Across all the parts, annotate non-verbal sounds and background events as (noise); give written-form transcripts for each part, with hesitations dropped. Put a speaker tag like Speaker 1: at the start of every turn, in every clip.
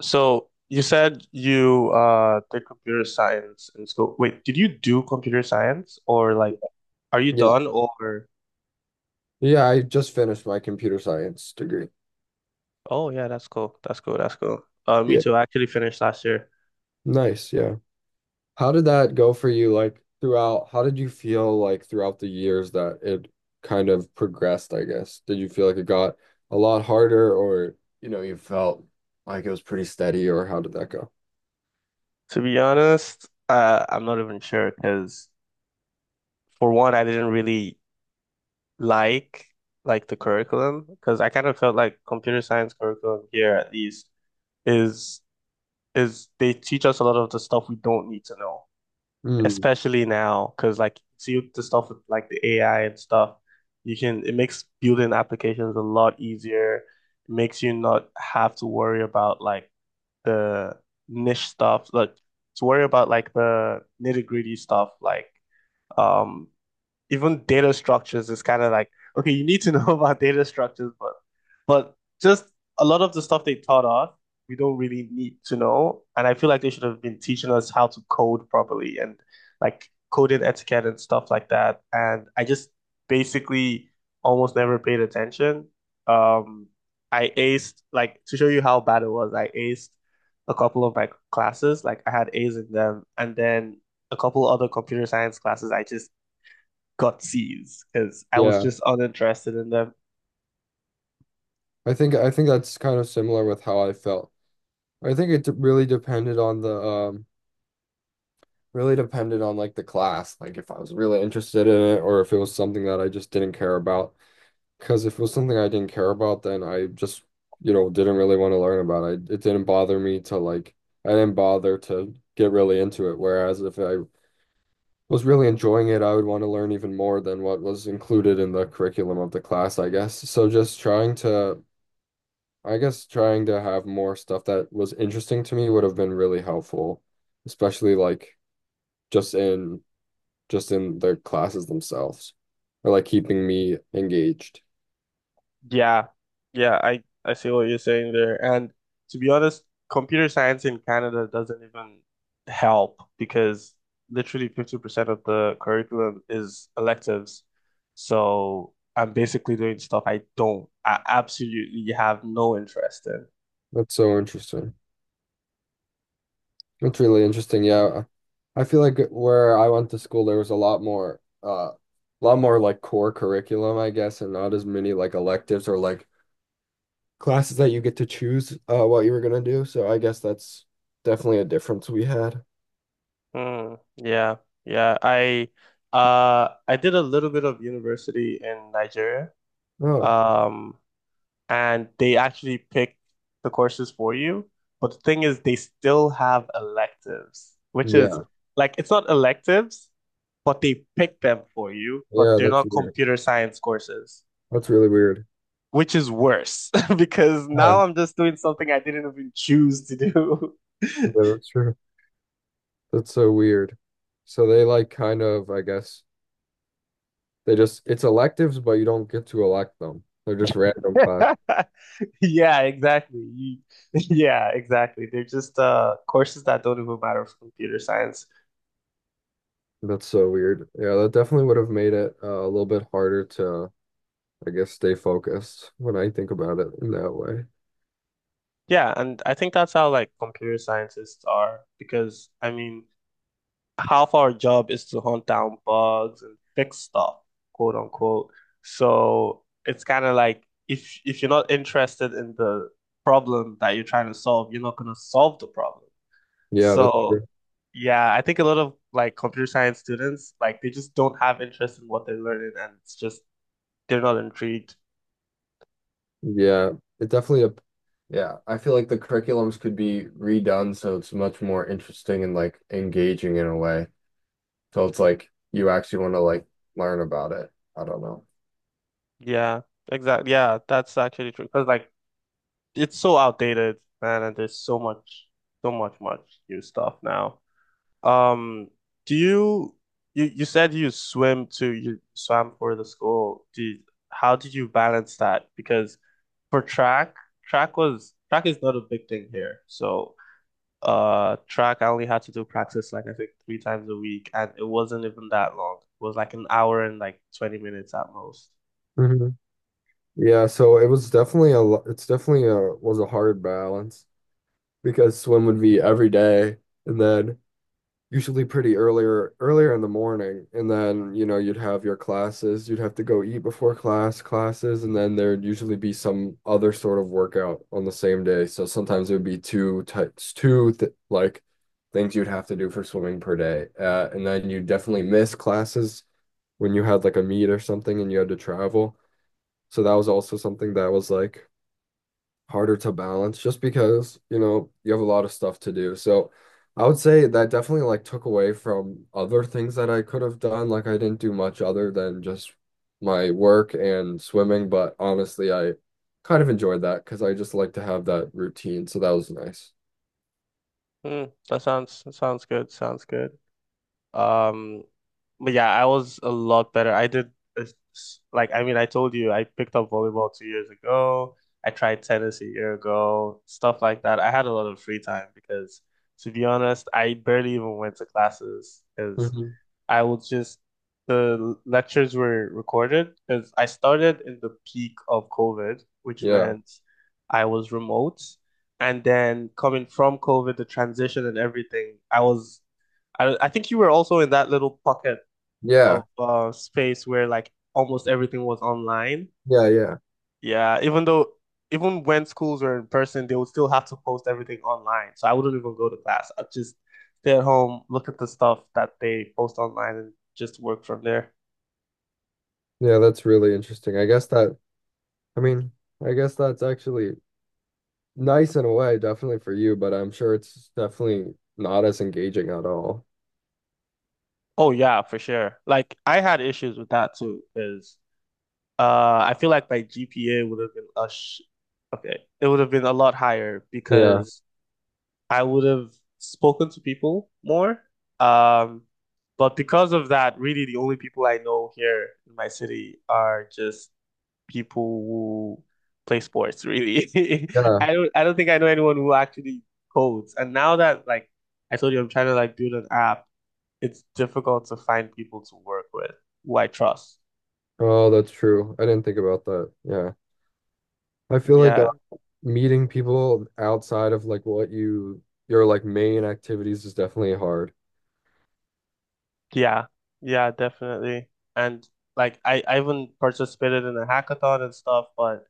Speaker 1: So you said you did computer science in school. Wait, did you do computer science or like are you
Speaker 2: Yeah.
Speaker 1: done or
Speaker 2: Yeah, I just finished my computer science degree.
Speaker 1: oh yeah, that's cool. That's cool. That's cool. Me
Speaker 2: Yeah.
Speaker 1: too. I actually finished last year.
Speaker 2: Nice, yeah. How did that go for you, like, throughout? How did you feel, like, throughout the years that it kind of progressed, I guess? Did you feel like it got a lot harder or, you know, you felt like it was pretty steady, or how did that go?
Speaker 1: To be honest, I'm not even sure because for one, I didn't really like like the curriculum because I kind of felt like computer science curriculum here at least is is they teach us a lot of the stuff we don't need to know.
Speaker 2: Mm,
Speaker 1: Especially now, because like see the stuff with like the AI and stuff, you can it makes building applications a lot easier. It makes you not have to worry about like the niche stuff, like to worry about like the nitty-gritty stuff, like um even data structures is kind of like okay, you need to (laughs) know about data structures, but just a lot of the stuff they taught us, we don't really need to know. And I feel like they should have been teaching us how to code properly and like coding etiquette and stuff like that. And I just basically almost never paid attention. Um, I aced like to show you how bad it was. I aced a couple of my classes, like I had A's in them, and then a couple other computer science classes I just got C's because I was
Speaker 2: yeah.
Speaker 1: just uninterested in them.
Speaker 2: I think that's kind of similar with how I felt. I think it really depended on like the class, like if I was really interested in it or if it was something that I just didn't care about. Because if it was something I didn't care about, then I just, you know, didn't really want to learn about it. It didn't bother me to like, I didn't bother to get really into it. Whereas if I was really enjoying it, I would want to learn even more than what was included in the curriculum of the class, I guess. So just trying to, I guess, trying to have more stuff that was interesting to me would have been really helpful, especially like just in just in the classes themselves, or like keeping me engaged.
Speaker 1: Yeah, yeah, I see what you're saying there. And to be honest, computer science in Canada doesn't even help because literally 50% of the curriculum is electives. So I'm basically doing stuff I don't, I absolutely have no interest in.
Speaker 2: That's so interesting. That's really interesting. Yeah. I feel like where I went to school, there was a lot more like core curriculum, I guess, and not as many like electives or like classes that you get to choose, what you were gonna do. So I guess that's definitely a difference we had.
Speaker 1: Mm, yeah, yeah. I did a little bit of university in Nigeria.
Speaker 2: Oh,
Speaker 1: Um, and they actually pick the courses for you. But the thing is they still have electives, which is
Speaker 2: yeah.
Speaker 1: like it's not electives, but they pick them for you, but
Speaker 2: Yeah,
Speaker 1: they're
Speaker 2: that's
Speaker 1: not
Speaker 2: weird.
Speaker 1: computer science courses,
Speaker 2: That's really weird.
Speaker 1: which is worse (laughs) because
Speaker 2: Yeah,
Speaker 1: now I'm just doing something I didn't even choose to do.
Speaker 2: yeah, that's true. That's so weird. So they like kind of, I guess, they just, it's electives, but you don't get to elect them. They're just random class.
Speaker 1: (laughs) Yeah, exactly. You, (laughs) yeah, exactly. They're just courses that don't even matter for computer science.
Speaker 2: That's so weird. Yeah, that definitely would have made it a little bit harder to, I guess, stay focused when I think about it in that way.
Speaker 1: Yeah, and I think that's how like computer scientists are because I mean, half our job is to hunt down bugs and fix stuff, quote unquote. So it's kind of like if you're not interested in the problem that you're trying to solve, you're not gonna solve the problem.
Speaker 2: Yeah, that's
Speaker 1: So
Speaker 2: true.
Speaker 1: yeah, I think a lot of like computer science students, like they just don't have interest in what they're learning and it's just they're not intrigued.
Speaker 2: Yeah, it definitely a, yeah, I feel like the curriculums could be redone so it's much more interesting and like engaging in a way. So it's like you actually want to like learn about it. I don't know.
Speaker 1: Yeah, exactly. Yeah, that's actually true. Because like it's so outdated, man, and there's so much, so much new stuff now. Um, do you you said you swim to you swam for the school. Do you, how did you balance that? Because for track, track was track is not a big thing here, so track, I only had to do practice like I think three times a week, and it wasn't even that long. It was like an hour and like 20 minutes at most.
Speaker 2: Hmm. It's was a hard balance because swim would be every day and then usually pretty earlier in the morning, and then, you know, you'd have your classes, you'd have to go eat before classes, and then there'd usually be some other sort of workout on the same day. So sometimes it would be two types two th like things you'd have to do for swimming per day, and then you definitely miss classes when you had like a meet or something and you had to travel. So that was also something that was like harder to balance just because, you know, you have a lot of stuff to do. So I would say that definitely like took away from other things that I could have done. Like I didn't do much other than just my work and swimming, but honestly, I kind of enjoyed that because I just like to have that routine. So that was nice.
Speaker 1: Hmm, that sounds good. Sounds good. Um, but yeah, I was a lot better. It's- like I mean, I told you I picked up volleyball 2 years ago. I tried tennis a year ago, stuff like that. I had a lot of free time because, to be honest, I barely even went to classes because
Speaker 2: Hmm.
Speaker 1: I will just the lectures were recorded because I started in the peak of COVID, which
Speaker 2: Yeah.
Speaker 1: meant I was remote. And then coming from COVID, the transition and everything, I think you were also in that little pocket
Speaker 2: Yeah.
Speaker 1: of space where like almost everything was online.
Speaker 2: Yeah. Yeah.
Speaker 1: Yeah, even though even when schools were in person, they would still have to post everything online. So I wouldn't even go to class. I'd just stay at home, look at the stuff that they post online and just work from there.
Speaker 2: Yeah. That's really interesting. I guess that, I mean, I guess that's actually nice in a way, definitely for you, but I'm sure it's definitely not as engaging at all.
Speaker 1: Oh yeah, for sure. Like I had issues with that too, because I feel like my GPA would have been a sh okay, it would have been a lot higher
Speaker 2: Yeah.
Speaker 1: because I would have spoken to people more. Um, but because of that, really the only people I know here in my city are just people who play sports, really. (laughs)
Speaker 2: Yeah.
Speaker 1: I don't think I know anyone who actually codes. And now that like I told you I'm trying to like build an app, it's difficult to find people to work with who I trust.
Speaker 2: Oh, that's true. I didn't think about that. Yeah. I feel like
Speaker 1: Yeah.
Speaker 2: meeting people outside of like what you your like main activities is definitely hard.
Speaker 1: Yeah. Yeah, definitely. And like I even participated in a hackathon and stuff, but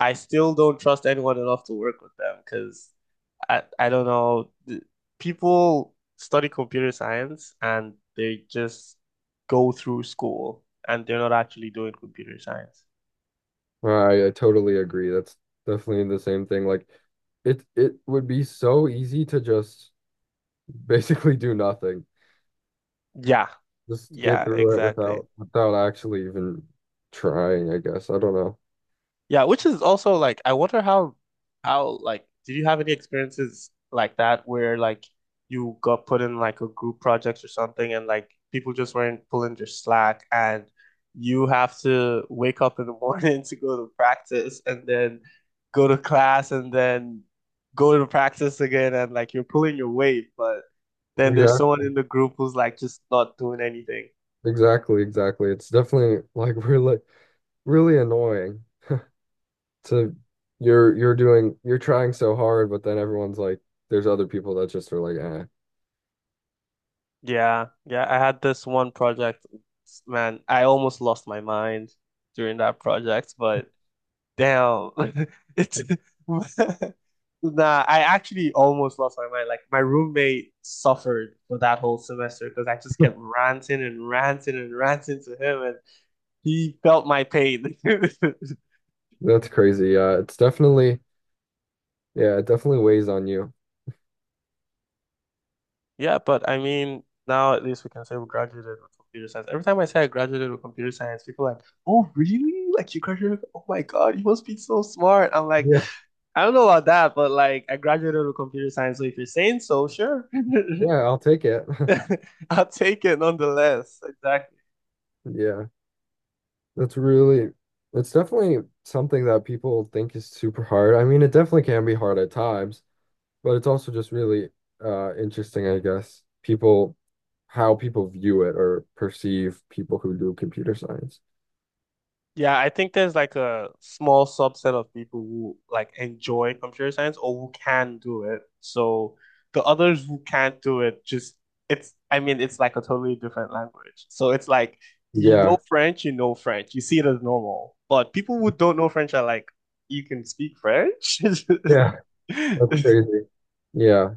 Speaker 1: I still don't trust anyone enough to work with them because I don't know. People study computer science and they just go through school and they're not actually doing computer science.
Speaker 2: I totally agree. That's definitely the same thing. Like it would be so easy to just (laughs) basically do nothing.
Speaker 1: Yeah,
Speaker 2: Just get
Speaker 1: yeah,
Speaker 2: through it
Speaker 1: exactly.
Speaker 2: without actually even trying, I guess. I don't know.
Speaker 1: Yeah, which is also like I wonder how like did you have any experiences like that where like you got put in like a group project or something and like people just weren't pulling your slack and you have to wake up in the morning (laughs) to go to practice and then go to class and then go to practice again and like you're pulling your weight, but then there's someone in
Speaker 2: Exactly.
Speaker 1: the group who's like just not doing anything.
Speaker 2: Exactly. It's definitely like (laughs) really annoying. To you're doing, you're trying so hard, but then everyone's like, there's other people that just are like, eh,
Speaker 1: Yeah, yeah, I had this one project. Man, I almost lost my mind during that project, but damn, (laughs) it's (laughs) nah, I actually almost lost my mind. Like my roommate suffered for that whole semester because I just kept ranting and ranting and ranting to him, and he felt my pain. (laughs)
Speaker 2: that's crazy. It's definitely, yeah, it definitely weighs on you.
Speaker 1: Yeah, but I mean, now at least we can say we graduated with computer science. Every time I say I graduated with computer science, people are like, "Oh, really? Like you graduated? Oh my God, you must be so smart." I'm like,
Speaker 2: Yeah,
Speaker 1: I don't know about that, but like I graduated with computer science, so if you're saying so, sure,
Speaker 2: yeah, I'll take it. (laughs)
Speaker 1: (laughs) I'll take it nonetheless. Exactly.
Speaker 2: Yeah, that's really, it's definitely something that people think is super hard. I mean, it definitely can be hard at times, but it's also just really interesting, I guess. People, how people view it or perceive people who do computer science.
Speaker 1: Yeah, I think there's like a small subset of people who like enjoy computer science or who can do it. So the others who can't do it just it's I mean it's like a totally different language. So it's like you know
Speaker 2: Yeah.
Speaker 1: French, you know French. You see it as normal. But people who don't know French are like, you can speak French?
Speaker 2: Yeah. That's
Speaker 1: (laughs)
Speaker 2: crazy. Yeah.